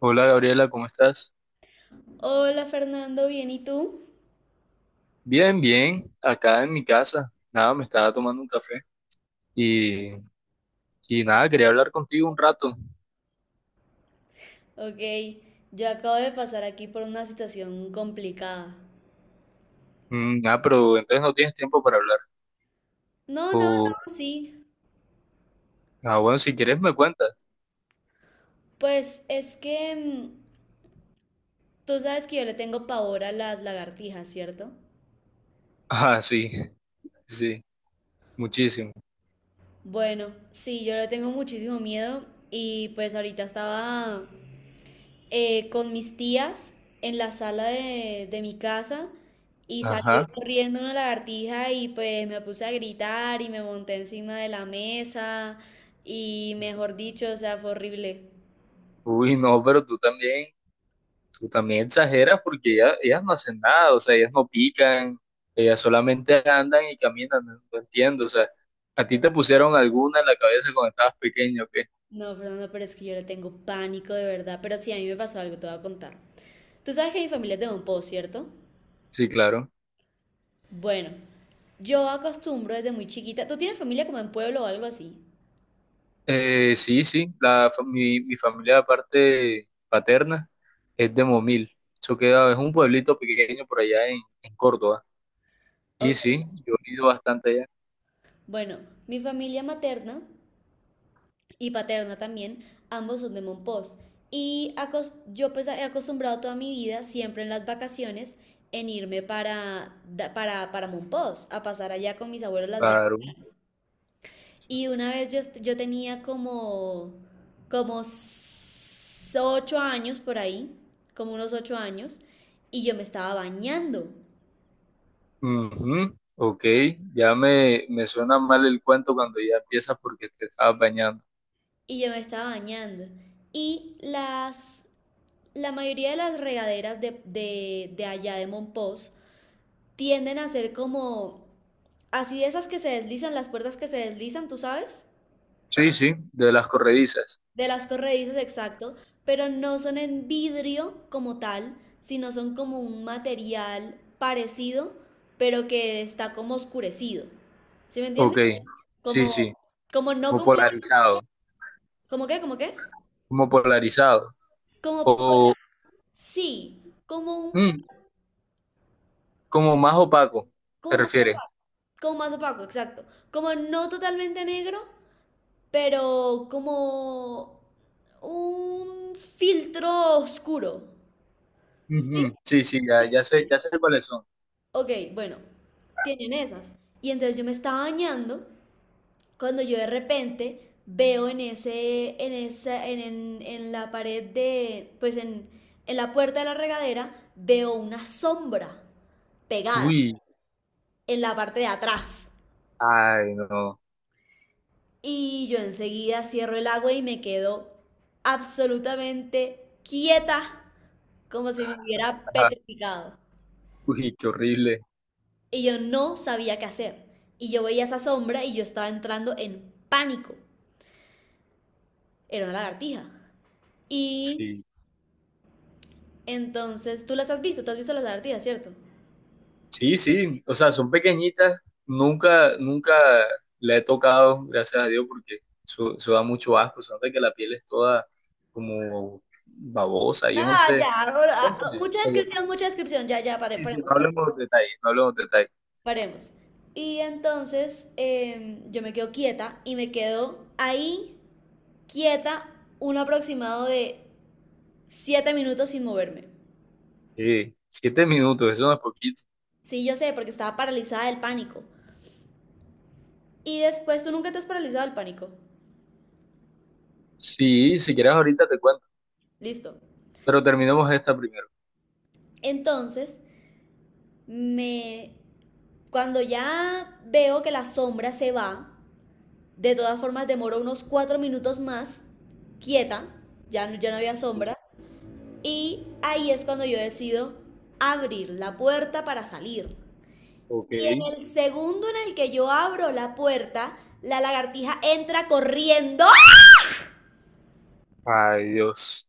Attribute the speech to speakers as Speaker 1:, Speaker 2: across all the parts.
Speaker 1: Hola Gabriela, ¿cómo estás?
Speaker 2: Hola Fernando, ¿bien y tú?
Speaker 1: Bien, bien, acá en mi casa. Nada, me estaba tomando un café y, y nada, quería hablar contigo un rato.
Speaker 2: Ok, yo acabo de pasar aquí por una situación complicada.
Speaker 1: Mm, ah, pero entonces no tienes tiempo para hablar.
Speaker 2: No, no,
Speaker 1: O,
Speaker 2: no, sí.
Speaker 1: ah, bueno, si quieres me cuentas.
Speaker 2: Pues es que tú sabes que yo le tengo pavor a las lagartijas, ¿cierto?
Speaker 1: Ah, sí, sí, muchísimo.
Speaker 2: Bueno, sí, yo le tengo muchísimo miedo y pues ahorita estaba con mis tías en la sala de mi casa y salió
Speaker 1: Ajá.
Speaker 2: corriendo una lagartija y pues me puse a gritar y me monté encima de la mesa y mejor dicho, o sea, fue horrible.
Speaker 1: Uy, no, pero tú también exageras porque ellas no hacen nada, o sea, ellas no pican, ellas solamente andan y caminan, no, no entiendo, o sea, ¿a ti te pusieron alguna en la cabeza cuando estabas pequeño o qué?
Speaker 2: No, Fernando, pero es que yo le tengo pánico de verdad, pero sí, a mí me pasó algo, te voy a contar. Tú sabes que mi familia es de Monpó, ¿cierto?
Speaker 1: Sí, claro.
Speaker 2: Bueno, yo acostumbro desde muy chiquita. ¿Tú tienes familia como en pueblo o algo así?
Speaker 1: Sí, sí, mi familia de parte paterna es de Momil. Eso queda, es un pueblito pequeño por allá en Córdoba. Y
Speaker 2: Ok.
Speaker 1: sí, yo he ido bastante allá.
Speaker 2: Bueno, mi familia materna y paterna también, ambos son de Monpós. Y yo pues he acostumbrado toda mi vida, siempre en las vacaciones, en irme para Monpós, a pasar allá con mis abuelos las vacaciones.
Speaker 1: Claro.
Speaker 2: Y una vez yo tenía como, 8 años por ahí, como unos 8 años, y yo me estaba bañando,
Speaker 1: Ujú, ok, ya me suena mal el cuento cuando ya empiezas porque te estabas bañando.
Speaker 2: y yo me estaba bañando. Y la mayoría de las regaderas de allá de Monpós tienden a ser como así de esas que se deslizan, las puertas que se deslizan, ¿tú sabes?
Speaker 1: Sí, sí, de las corredizas.
Speaker 2: De las corredizas, exacto, pero no son en vidrio como tal, sino son como un material parecido, pero que está como oscurecido. ¿Sí me
Speaker 1: Ok,
Speaker 2: entiendes?
Speaker 1: sí, sí,
Speaker 2: Como, como no
Speaker 1: como
Speaker 2: completamente,
Speaker 1: polarizado,
Speaker 2: ¿como qué? ¿Como qué?
Speaker 1: como polarizado.
Speaker 2: Como por,
Speaker 1: O
Speaker 2: sí,
Speaker 1: mm, como más opaco, ¿te
Speaker 2: como más,
Speaker 1: refieres?
Speaker 2: opaco, como más opaco, exacto. Como no totalmente negro, pero como un filtro oscuro. ¿Sí?
Speaker 1: Ujú, sí, sí, ya, ya sé cuáles son.
Speaker 2: Ok, bueno, tienen esas. Y entonces yo me estaba bañando cuando yo de repente veo en ese, en esa, en la pared de, pues en la puerta de la regadera, veo una sombra pegada
Speaker 1: Uy,
Speaker 2: en la parte de atrás.
Speaker 1: ay, no.
Speaker 2: Y yo enseguida cierro el agua y me quedo absolutamente quieta como si me hubiera
Speaker 1: Ajá.
Speaker 2: petrificado.
Speaker 1: Uy, qué horrible.
Speaker 2: Y yo no sabía qué hacer. Y yo veía esa sombra y yo estaba entrando en pánico. Era una lagartija. Y
Speaker 1: Sí,
Speaker 2: entonces, tú has visto las lagartijas, ¿cierto?
Speaker 1: sí, sí. O sea, son pequeñitas. Nunca, nunca la he tocado, gracias a Dios, porque eso da mucho asco. Se nota que la piel es toda como babosa, yo no
Speaker 2: Ah, ya,
Speaker 1: sé.
Speaker 2: ahora, ah,
Speaker 1: Entonces, oye,
Speaker 2: mucha descripción, ya, ya,
Speaker 1: sí, sí, no
Speaker 2: paremos,
Speaker 1: hablemos de detalles, no hablemos de detalles.
Speaker 2: paremos. Y entonces yo me quedo quieta y me quedo ahí quieta un aproximado de 7 minutos sin moverme.
Speaker 1: Sí, 7 minutos, eso no es poquito.
Speaker 2: Sí, yo sé, porque estaba paralizada del pánico. Y después tú nunca te has paralizado el pánico.
Speaker 1: Sí, si quieres ahorita te cuento,
Speaker 2: Listo.
Speaker 1: pero terminemos esta primero.
Speaker 2: Entonces, me cuando ya veo que la sombra se va, de todas formas demoro unos 4 minutos más quieta, ya no, ya no había
Speaker 1: Sí.
Speaker 2: sombra, y ahí es cuando yo decido abrir la puerta para salir.
Speaker 1: Ok.
Speaker 2: En el segundo en el que yo abro la puerta, la lagartija entra corriendo.
Speaker 1: Ay, Dios.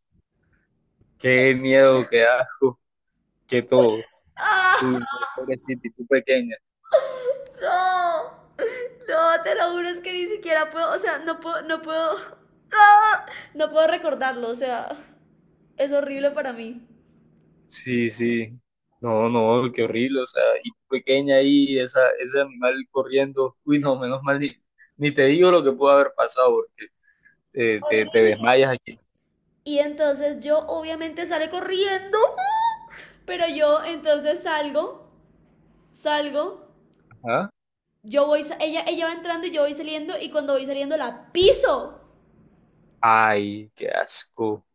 Speaker 1: Qué miedo, qué asco, qué todo.
Speaker 2: ¡Ah!
Speaker 1: Uy, no, pobrecita, y tú pequeña.
Speaker 2: No, no, te lo juro, es que ni siquiera puedo, o sea, no, no puedo recordarlo, o sea, es horrible para mí.
Speaker 1: Sí, sí. No, no, qué horrible, o sea, y tú pequeña ahí, esa, ese animal corriendo. Uy, no, menos mal, ni te digo lo que pudo haber pasado, porque te desmayas aquí.
Speaker 2: Y entonces yo obviamente sale corriendo, pero yo entonces salgo,
Speaker 1: Ajá.
Speaker 2: yo voy, ella va entrando y yo voy saliendo y cuando voy saliendo la piso.
Speaker 1: Ay, qué asco,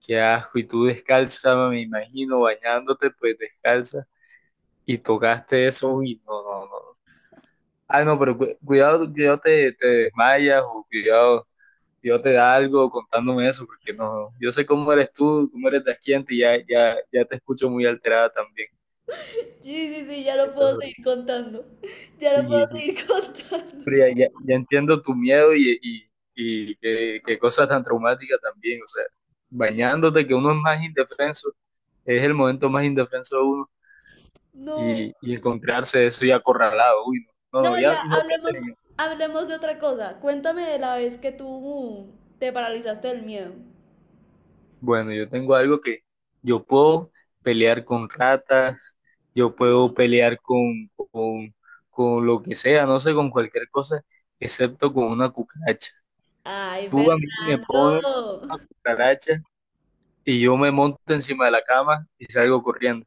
Speaker 1: qué asco. Y tú descalza, me imagino, bañándote, pues descalza. Y tocaste eso, uy, no, no, no. Ah, no, pero cuidado, cuidado, te desmayas, o cuidado. Dios te da algo contándome eso, porque no, yo sé cómo eres tú, cómo eres de aquí antes, y ya, ya, ya te escucho muy alterada también.
Speaker 2: Sí, sí, sí, ya no
Speaker 1: Eso es
Speaker 2: puedo
Speaker 1: horrible.
Speaker 2: seguir contando, ya no puedo
Speaker 1: Sí, sí.
Speaker 2: seguir
Speaker 1: Pero
Speaker 2: contando.
Speaker 1: ya, ya, ya entiendo tu miedo y qué cosas tan traumáticas también. O sea, bañándote, que uno es más indefenso, es el momento más indefenso de uno
Speaker 2: No.
Speaker 1: y encontrarse eso y acorralado. Uy, no, no, no,
Speaker 2: No,
Speaker 1: ya
Speaker 2: ya
Speaker 1: no pensé.
Speaker 2: hablemos, hablemos de otra cosa. Cuéntame de la vez que tú te paralizaste del miedo.
Speaker 1: Bueno, yo tengo algo que yo puedo pelear con ratas, yo puedo pelear con lo que sea, no sé, con cualquier cosa, excepto con una cucaracha.
Speaker 2: Ay,
Speaker 1: Tú a mí me pones
Speaker 2: Fernando.
Speaker 1: una cucaracha y yo me monto encima de la cama y salgo corriendo.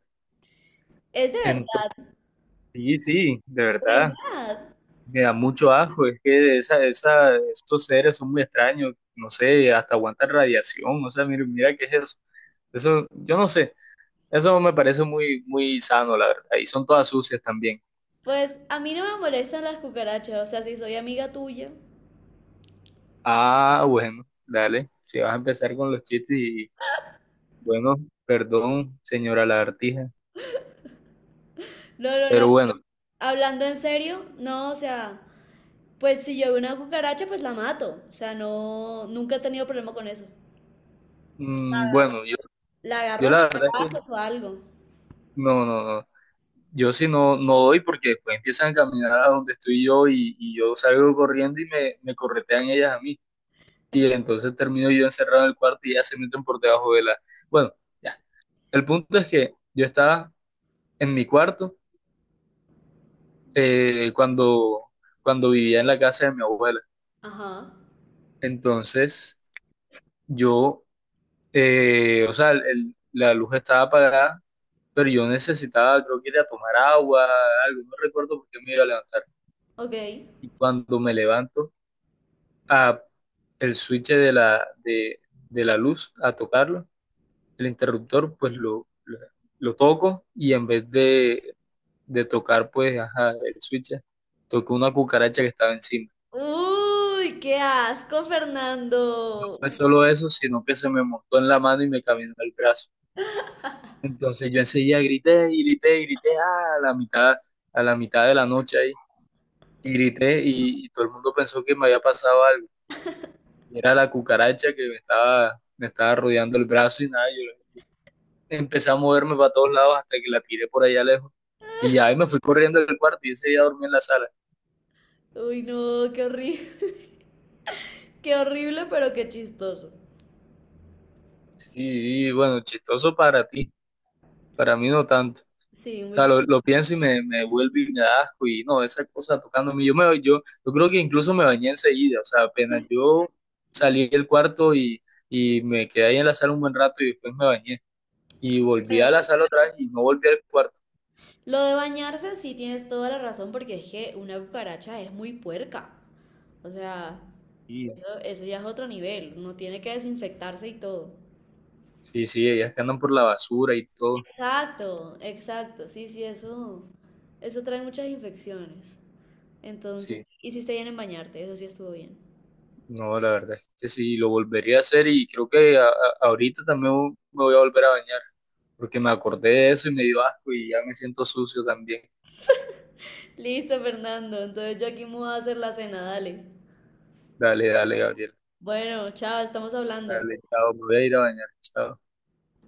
Speaker 2: Es de
Speaker 1: Entonces,
Speaker 2: verdad,
Speaker 1: sí, sí, de
Speaker 2: de
Speaker 1: verdad,
Speaker 2: verdad.
Speaker 1: me da mucho asco, es que estos seres son muy extraños, no sé, hasta aguantan radiación, o sea, mira, mira qué es eso. Eso, yo no sé. Eso me parece muy, muy sano, la verdad. Ahí son todas sucias también.
Speaker 2: Pues a mí no me molestan las cucarachas, o sea, si soy amiga tuya.
Speaker 1: Ah, bueno, dale. Si vas a empezar con los chistes y, bueno, perdón, señora lagartija.
Speaker 2: No, no, no.
Speaker 1: Pero bueno,
Speaker 2: Hablando en serio, no, o sea, pues si yo veo una cucaracha, pues la mato. O sea, no, nunca he tenido problema con eso.
Speaker 1: bueno, yo,
Speaker 2: La agarro
Speaker 1: yo
Speaker 2: a
Speaker 1: la verdad es que
Speaker 2: pasos o algo.
Speaker 1: no, no, no. Yo sí no doy porque después empiezan a caminar a donde estoy yo y yo salgo corriendo y me corretean ellas a mí. Y entonces termino yo encerrado en el cuarto y ellas se meten por debajo de la... Bueno, ya. El punto es que yo estaba en mi cuarto eh, cuando, cuando vivía en la casa de mi abuela.
Speaker 2: Ajá,
Speaker 1: Entonces, yo, o sea, la luz estaba apagada, pero yo necesitaba, creo que ir a tomar agua, algo, no recuerdo por qué me iba a levantar.
Speaker 2: ok.
Speaker 1: Y cuando me levanto, a el switch de la luz, a tocarlo, el interruptor, pues lo toco y en vez de tocar, pues, ajá, el switch, toco una cucaracha que estaba encima.
Speaker 2: Uy, qué asco, Fernando.
Speaker 1: Fue solo eso, sino que se me montó en la mano y me caminó el brazo. Entonces yo enseguida grité y grité y grité ah, a la mitad de la noche ahí, y grité y todo el mundo pensó que me había pasado algo. Y era la cucaracha que me estaba rodeando el brazo y nada, yo empecé a moverme para todos lados hasta que la tiré por allá lejos. Y ya ahí me fui corriendo del cuarto y ese día dormí en la sala.
Speaker 2: Uy, no, qué horrible. Qué horrible, pero qué chistoso.
Speaker 1: Sí, y bueno, chistoso para ti, para mí no tanto.
Speaker 2: Sí,
Speaker 1: O
Speaker 2: muy
Speaker 1: sea,
Speaker 2: chistoso.
Speaker 1: lo pienso y me vuelve y me da asco y no, esa cosa tocándome. Yo creo que incluso me bañé enseguida, o sea, apenas yo salí del cuarto y me quedé ahí en la sala un buen rato y después me bañé. Y volví
Speaker 2: Bueno,
Speaker 1: a la
Speaker 2: sí.
Speaker 1: sala otra vez y no volví al cuarto.
Speaker 2: Lo de bañarse, sí tienes toda la razón, porque es que una cucaracha es muy puerca. O sea,
Speaker 1: Y
Speaker 2: eso ya es otro nivel. Uno tiene que desinfectarse y todo.
Speaker 1: sí, sí, ellas que andan por la basura y todo.
Speaker 2: Exacto, exacto. Sí, sí, eso. Eso trae muchas infecciones.
Speaker 1: Sí,
Speaker 2: Entonces, hiciste bien en bañarte, eso sí estuvo bien.
Speaker 1: no, la verdad es que sí, lo volvería a hacer y creo que ahorita también me voy a volver a bañar porque me acordé de eso y me dio asco y ya me siento sucio también.
Speaker 2: Listo, Fernando. Entonces yo aquí me voy a hacer la cena, dale.
Speaker 1: Dale, dale, Gabriel.
Speaker 2: Bueno, chao, estamos hablando.
Speaker 1: Al Estado Madeira, en el estado